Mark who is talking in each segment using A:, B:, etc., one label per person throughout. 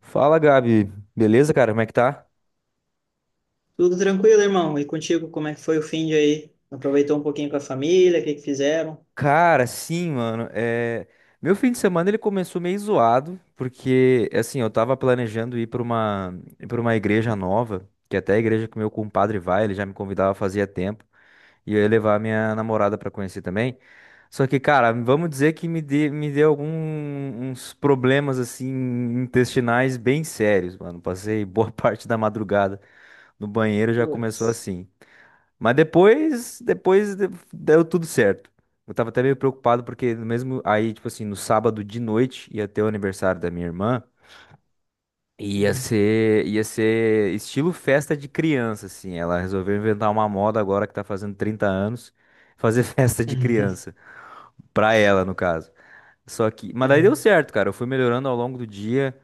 A: Fala, Gabi. Beleza, cara? Como é que tá?
B: Tudo tranquilo, irmão? E contigo, como é que foi o fim de aí? Aproveitou um pouquinho com a família? O que que fizeram?
A: Cara, sim, mano. Meu fim de semana ele começou meio zoado, porque, assim, eu tava planejando ir pra uma igreja nova, que até a igreja que meu compadre vai, ele já me convidava fazia tempo, e eu ia levar minha namorada pra conhecer também. Só que, cara, vamos dizer que me deu alguns problemas, assim, intestinais bem sérios, mano. Passei boa parte da madrugada no banheiro, já começou
B: Putz.
A: assim. Mas depois deu tudo certo. Eu tava até meio preocupado porque no mesmo aí, tipo assim, no sábado de noite ia ter o aniversário da minha irmã. Ia
B: Uhum.
A: ser, ia ser estilo festa de criança, assim. Ela resolveu inventar uma moda agora que tá fazendo 30 anos, fazer festa de criança. Pra ela, no caso. Só que, mas daí deu
B: Uhum.
A: certo, cara. Eu fui melhorando ao longo do dia,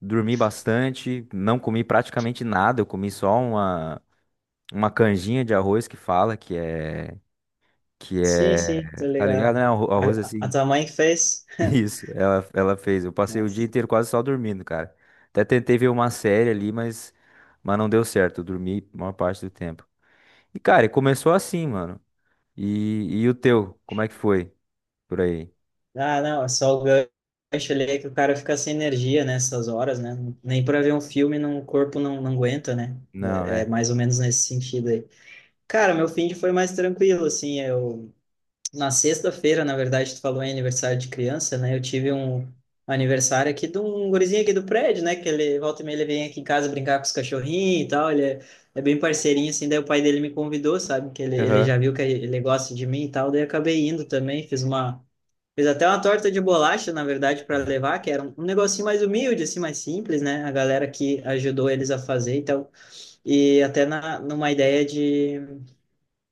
A: dormi bastante, não comi praticamente nada. Eu comi só uma, canjinha de arroz que fala, que
B: Sim, sim,
A: é,
B: tô
A: tá ligado,
B: ligado.
A: né? O arroz
B: A
A: assim.
B: tua mãe que fez?
A: Isso, ela fez. Eu passei o dia
B: Nossa.
A: inteiro quase só dormindo, cara. Até tentei ver uma série ali, mas, não deu certo. Eu dormi a maior parte do tempo. E, cara, e começou assim, mano. e o teu, como é que foi por aí?
B: Ah, não, é só o gancho ali que o cara fica sem energia nessas horas, né? Nem pra ver um filme, não, o corpo não aguenta, né?
A: Não,
B: É
A: é.
B: mais ou menos nesse sentido aí. Cara, meu fim de foi mais tranquilo, assim, eu. Na sexta-feira, na verdade, tu falou em aniversário de criança, né? Eu tive um aniversário aqui de um gurizinho aqui do prédio, né? Que ele volta e meia ele vem aqui em casa brincar com os cachorrinhos e tal. Ele é bem parceirinho, assim. Daí o pai dele me convidou, sabe? Que ele já
A: Aham.
B: viu que ele gosta de mim e tal. Daí eu acabei indo também. Fiz até uma torta de bolacha, na verdade, para levar, que era um negocinho mais humilde, assim, mais simples, né? A galera que ajudou eles a fazer e tal. E até numa ideia de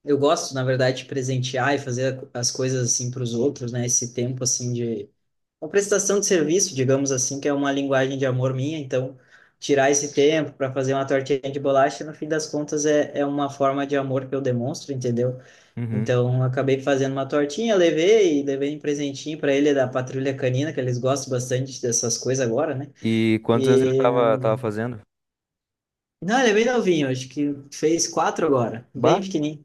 B: eu gosto, na verdade, de presentear e fazer as coisas assim para os outros, né? Esse tempo assim de uma prestação de serviço, digamos assim, que é uma linguagem de amor minha. Então, tirar esse tempo para fazer uma tortinha de bolacha, no fim das contas, é uma forma de amor que eu demonstro, entendeu?
A: Uhum.
B: Então, eu acabei fazendo uma tortinha, levei e levei um presentinho para ele da Patrulha Canina, que eles gostam bastante dessas coisas agora, né?
A: E quantos anos ele
B: E
A: tava, tava fazendo?
B: não, ele é bem novinho, acho que fez quatro agora, bem
A: Bah.
B: pequenininho.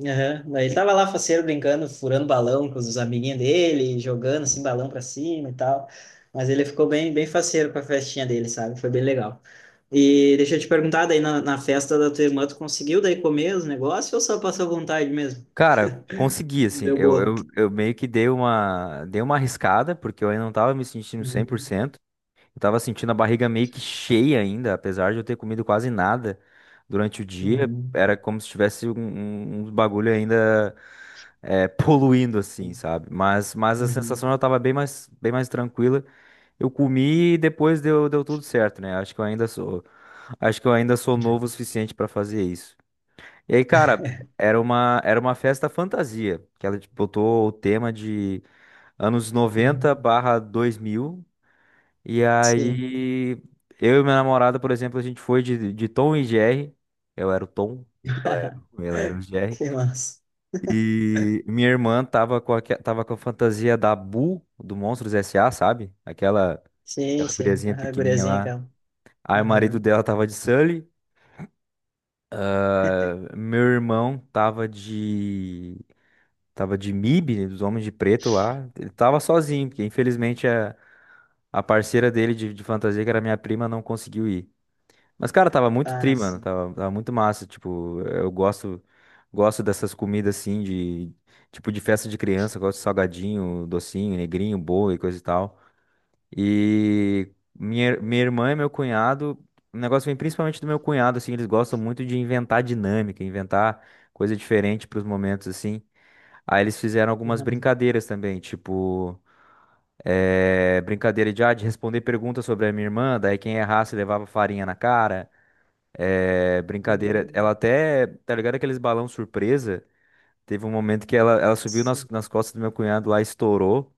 B: Aham. Daí ele tava lá faceiro brincando, furando balão com os amiguinhos dele, jogando assim balão pra cima e tal. Mas ele ficou bem, bem faceiro com a festinha dele, sabe? Foi bem legal. E deixa eu te perguntar, daí na festa da tua irmã, tu conseguiu daí comer os negócios ou só passou vontade mesmo?
A: Cara, consegui, assim.
B: Deu
A: Eu,
B: boa.
A: eu, eu meio que dei uma arriscada, porque eu ainda não tava me sentindo cem por
B: Uhum,
A: cento Eu tava sentindo a barriga meio que cheia ainda, apesar de eu ter comido quase nada durante o dia.
B: uhum,
A: Era como se tivesse um, um bagulho ainda é, poluindo, assim, sabe? Mas a
B: uhum,
A: sensação já tava bem mais tranquila. Eu comi e depois deu tudo certo, né? Acho que eu ainda sou, acho que eu ainda sou, novo o suficiente pra fazer isso. E aí, cara, era uma festa fantasia, que ela botou o tema de anos noventa
B: uhum.
A: barra dois mil e
B: Sim,
A: aí, eu e minha namorada, por exemplo, a gente foi de, Tom e Jerry. Eu era o Tom, ela era o Jerry.
B: que massa.
A: E minha irmã tava com a fantasia da Boo, do Monstros S.A., sabe? Aquela,
B: Sim,
A: aquela
B: sim.
A: guriazinha
B: A
A: pequenininha
B: guriazinha
A: lá.
B: aquela.
A: Aí o marido
B: Aham.
A: dela tava de Sully. Meu irmão tava de MIB, né, dos Homens de Preto lá. Ele tava sozinho, porque infelizmente a parceira dele de fantasia, que era minha prima, não conseguiu ir. Mas, cara, tava muito
B: Ah,
A: tri, mano.
B: sim.
A: Tava muito massa. Tipo, eu gosto dessas comidas assim, de tipo de festa de criança. Gosto de salgadinho, docinho, negrinho, bolo e coisa e tal. E minha irmã e meu cunhado, o negócio vem principalmente do meu cunhado, assim. Eles gostam muito de inventar dinâmica, inventar coisa diferente para os momentos, assim. Aí eles fizeram algumas brincadeiras também, tipo. Brincadeira de, ah, de responder perguntas sobre a minha irmã, daí quem errasse levava farinha na cara. É brincadeira. Ela
B: Uhum.
A: até, tá ligado aqueles balão surpresa? Teve um momento que ela subiu nas,
B: Sim.
A: nas costas do meu cunhado lá, estourou.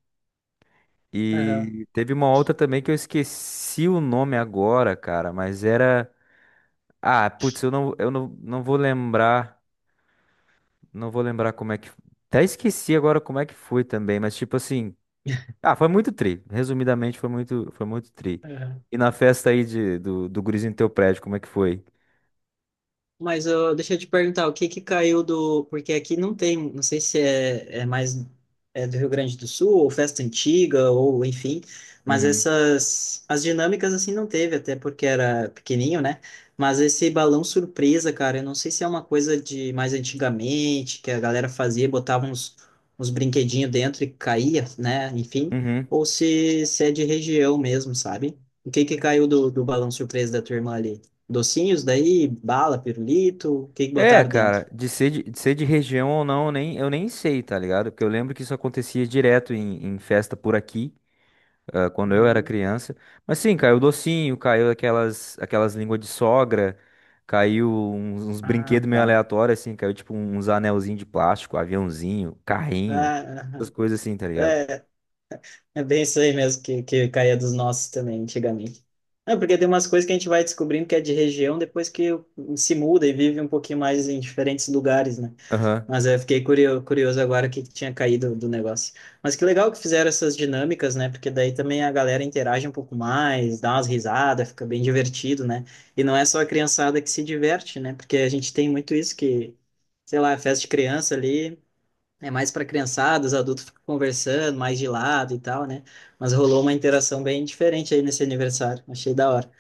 B: Aham.
A: E teve uma outra também que eu esqueci o nome agora, cara, mas era. Ah, putz, eu não vou lembrar. Não vou lembrar como é que. Até esqueci agora como é que foi também, mas tipo assim. Ah, foi muito tri. Resumidamente, foi muito tri. E na festa aí de, do, do gurizinho do teu prédio, como é que foi?
B: Mas eu, deixa eu te perguntar, o que que caiu do. Porque aqui não tem, não sei se é mais é do Rio Grande do Sul, ou festa antiga, ou enfim, mas
A: Uhum.
B: essas. As dinâmicas assim não teve, até porque era pequenininho, né? Mas esse balão surpresa, cara, eu não sei se é uma coisa de mais antigamente, que a galera fazia, botava uns brinquedinhos dentro e caía, né? Enfim,
A: Uhum.
B: ou se é de região mesmo, sabe? O que que caiu do balão surpresa da tua irmã ali? Docinhos daí, bala, pirulito, o que que
A: É,
B: botaram dentro?
A: cara, de ser de região ou não, eu nem sei, tá ligado? Porque eu lembro que isso acontecia direto em, festa por aqui, ah, quando eu era
B: Uhum.
A: criança. Mas sim, caiu docinho, caiu aquelas, línguas de sogra, caiu uns
B: Ah,
A: brinquedos meio
B: tá.
A: aleatórios, assim, caiu tipo uns anelzinhos de plástico, aviãozinho, carrinho,
B: Ah,
A: essas
B: aham.
A: coisas assim, tá ligado?
B: é, é bem isso aí mesmo que caía dos nossos também, antigamente. É, porque tem umas coisas que a gente vai descobrindo que é de região depois que se muda e vive um pouquinho mais em diferentes lugares, né?
A: Aham,
B: Mas eu fiquei curioso agora o que que tinha caído do negócio. Mas que legal que fizeram essas dinâmicas, né? Porque daí também a galera interage um pouco mais, dá umas risadas, fica bem divertido, né? E não é só a criançada que se diverte, né? Porque a gente tem muito isso que, sei lá, é festa de criança ali é mais para criançada, os adultos ficam conversando mais de lado e tal, né? Mas rolou uma interação bem diferente aí nesse aniversário. Achei da hora.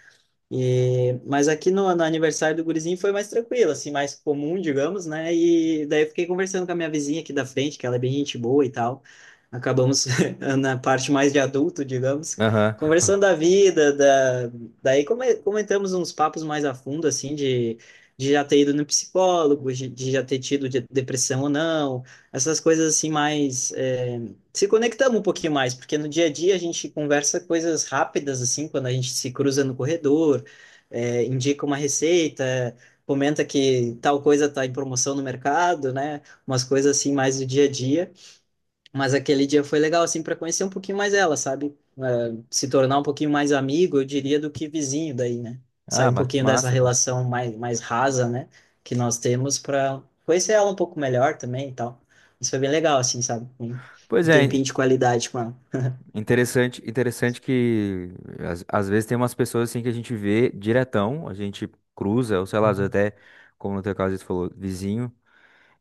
B: E, mas aqui no aniversário do gurizinho foi mais tranquilo, assim, mais comum, digamos, né? E daí eu fiquei conversando com a minha vizinha aqui da frente, que ela é bem gente boa e tal. Acabamos na parte mais de adulto, digamos,
A: aham.
B: conversando da vida, da. Daí comentamos uns papos mais a fundo, assim, de já ter ido no psicólogo, de já ter tido depressão ou não, essas coisas assim mais. É, se conectamos um pouquinho mais, porque no dia a dia a gente conversa coisas rápidas, assim, quando a gente se cruza no corredor, é, indica uma receita, comenta que tal coisa está em promoção no mercado, né? Umas coisas assim mais do dia a dia. Mas aquele dia foi legal assim para conhecer um pouquinho mais ela, sabe? É, se tornar um pouquinho mais amigo, eu diria, do que vizinho daí, né? Sair
A: Ah,
B: um
A: ma-
B: pouquinho dessa
A: massa, pô.
B: relação mais rasa, né? Que nós temos para conhecer ela um pouco melhor também e tal. Isso foi bem legal, assim, sabe?
A: Pois
B: Um
A: é.
B: tempinho de qualidade com ela.
A: Interessante, interessante que às vezes tem umas pessoas assim que a gente vê diretão, a gente cruza, ou sei lá, às vezes
B: Uhum,
A: até, como no teu caso você falou, vizinho,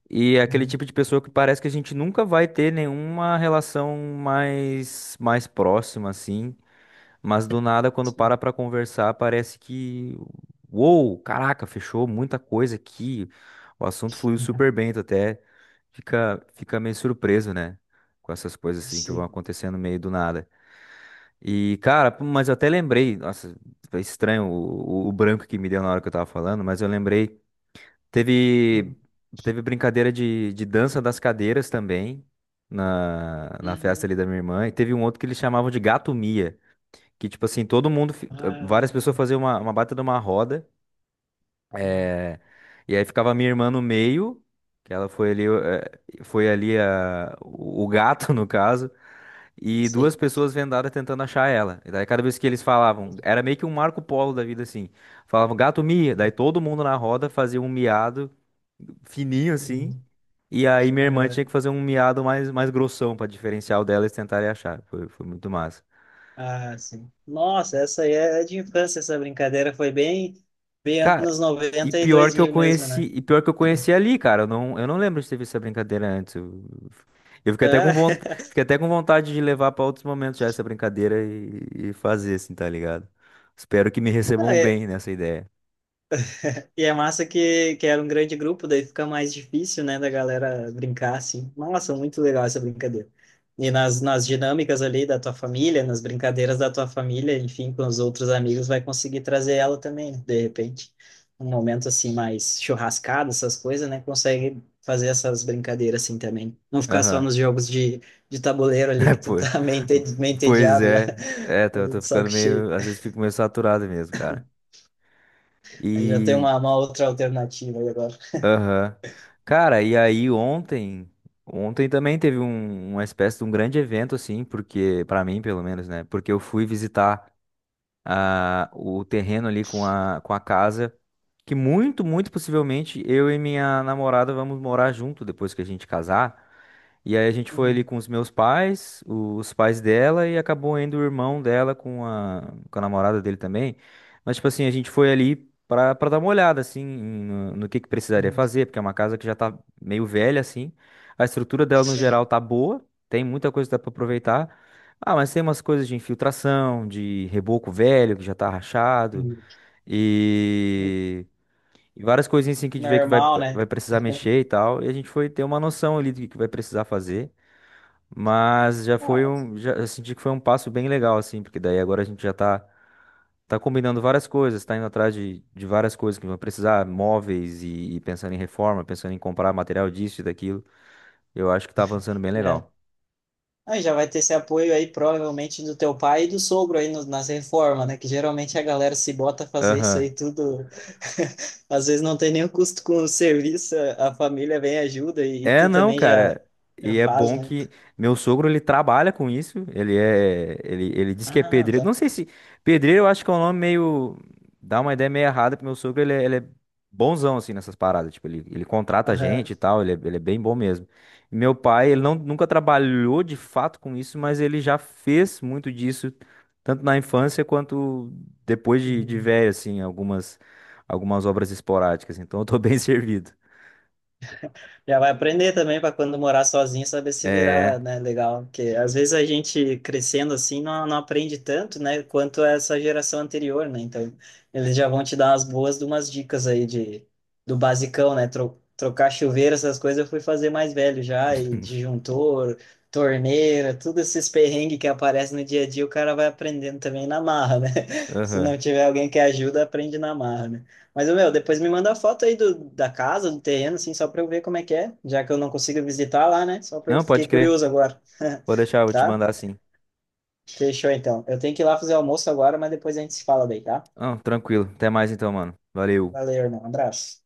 A: e é aquele
B: uhum,
A: tipo de pessoa que parece que a gente nunca vai ter nenhuma relação mais próxima assim, mas do nada quando
B: sim,
A: para pra conversar parece que, uou, caraca, fechou muita coisa aqui, o assunto fluiu
B: uhum,
A: super bem, tu até fica fica meio surpreso, né, com essas coisas assim que vão
B: sim.
A: acontecendo meio do nada. E, cara, pô, mas eu até lembrei, nossa, é estranho o branco que me deu na hora que eu tava falando, mas eu lembrei, teve, teve, brincadeira de dança das cadeiras também, na festa ali da
B: Uhum.
A: minha irmã, e teve um outro que eles chamavam de gato Mia, que, tipo assim, todo mundo, fi- ah,
B: Ah,
A: várias pessoas faziam uma baita de uma roda,
B: uhum.
A: é, e aí ficava a minha irmã no meio, que ela foi ali, eh, foi ali a, o gato, no caso, e duas
B: Sei.
A: pessoas vendadas tentando achar ela. E daí cada vez que eles falavam, era meio que um Marco Polo da vida assim. Falavam gato mia, daí todo mundo na roda fazia um miado fininho assim.
B: Uhum.
A: E aí minha irmã tinha
B: Aham.
A: que fazer um miado mais grossão pra diferenciar o dela e tentarem achar. Foi, foi muito massa.
B: Ah, sim. Nossa, essa aí é de infância, essa brincadeira foi bem, bem
A: Cara,
B: anos
A: E
B: 90 e
A: pior
B: dois
A: que eu
B: mil mesmo,
A: conheci,
B: né?
A: e pior que eu conheci ali, cara. Eu não lembro de ter visto essa brincadeira antes. Eu fiquei até com
B: Ah,
A: vontade, fiquei até com vontade de levar pra outros momentos já essa brincadeira e fazer assim, tá ligado? Espero que me recebam bem nessa ideia.
B: e é massa que era um grande grupo, daí fica mais difícil, né, da galera brincar assim. Nossa, muito legal essa brincadeira. E nas dinâmicas ali da tua família, nas brincadeiras da tua família, enfim, com os outros amigos, vai conseguir trazer ela também, né? De repente. Um momento assim mais churrascado, essas coisas, né, consegue fazer essas brincadeiras assim também. Não ficar só
A: Aham.
B: nos jogos de tabuleiro ali
A: É,
B: que
A: pô.
B: tu tá meio meio
A: Pois
B: entediado já,
A: é. É, tô, tô
B: de
A: ficando
B: saco cheio.
A: meio, às vezes fico meio saturado mesmo, cara.
B: Aí já tem
A: E
B: uma outra alternativa aí agora.
A: Aham. Cara, e aí ontem, ontem também teve uma espécie de um grande evento assim, porque para mim, pelo menos, né? Porque eu fui visitar o terreno ali com a, casa, que muito, muito possivelmente eu e minha namorada vamos morar junto depois que a gente casar. E aí a gente foi ali
B: Uhum,
A: com os meus pais, os pais dela e acabou indo o irmão dela com a namorada dele também. Mas tipo assim, a gente foi ali pra, pra dar uma olhada assim no que precisaria
B: uhum.
A: fazer, porque é uma casa que já tá meio velha assim. A estrutura dela no
B: Sim.
A: geral tá boa, tem muita coisa que dá pra aproveitar. Ah, mas tem umas coisas de infiltração, de reboco velho que já tá rachado e, e, várias coisinhas assim que a gente vê que vai,
B: Normal, né?
A: vai precisar mexer e tal. E a gente foi ter uma noção ali do que vai precisar fazer, mas já
B: Ah,
A: foi um, já eu senti que foi um passo bem legal assim, porque daí agora a gente já tá combinando várias coisas, tá indo atrás de, várias coisas que vão precisar, móveis e pensando em reforma, pensando em comprar material disso e daquilo. Eu acho que tá avançando bem
B: já.
A: legal.
B: Aí já vai ter esse apoio aí, provavelmente, do teu pai e do sogro aí nas reformas, né? Que geralmente a galera se bota a fazer isso
A: Aham.
B: aí tudo. Às vezes não tem nenhum custo com o serviço, a família vem e ajuda e,
A: É,
B: tu
A: não,
B: também
A: cara.
B: já
A: E é
B: faz,
A: bom
B: né?
A: que meu sogro ele trabalha com isso. Ele diz que é
B: Ah,
A: pedreiro.
B: tá.
A: Não sei se pedreiro, eu acho que é um nome meio dá uma ideia meio errada pro meu sogro. Ele é bonzão assim nessas paradas. Tipo, ele contrata gente
B: Aham.
A: e tal. Ele é bem bom mesmo. E meu pai, ele não, nunca trabalhou de fato com isso, mas ele já fez muito disso tanto na infância quanto depois de,
B: Uhum.
A: velho, assim, algumas obras esporádicas. Então, eu tô bem servido.
B: Já vai aprender também para quando morar sozinho saber se
A: É.
B: virar, né? Legal. Porque às vezes a gente crescendo assim não aprende tanto, né? Quanto essa geração anterior, né? Então eles já vão te dar umas boas de umas dicas aí do basicão, né? Trocar chuveiro, essas coisas eu fui fazer mais velho já, e disjuntor, torneira, tudo esses perrengues que aparecem no dia a dia, o cara vai aprendendo também na marra, né? Se
A: Aham.
B: não tiver alguém que ajuda, aprende na marra, né? Mas, meu, depois me manda a foto aí da casa, do terreno, assim, só pra eu ver como é que é, já que eu não consigo visitar lá, né? Só pra eu
A: Não,
B: fiquei
A: pode crer.
B: curioso agora,
A: Eu vou te
B: tá?
A: mandar sim.
B: Fechou, então. Eu tenho que ir lá fazer almoço agora, mas depois a gente se fala daí, tá?
A: Não, tranquilo. Até mais então, mano. Valeu.
B: Valeu, irmão. Abraço.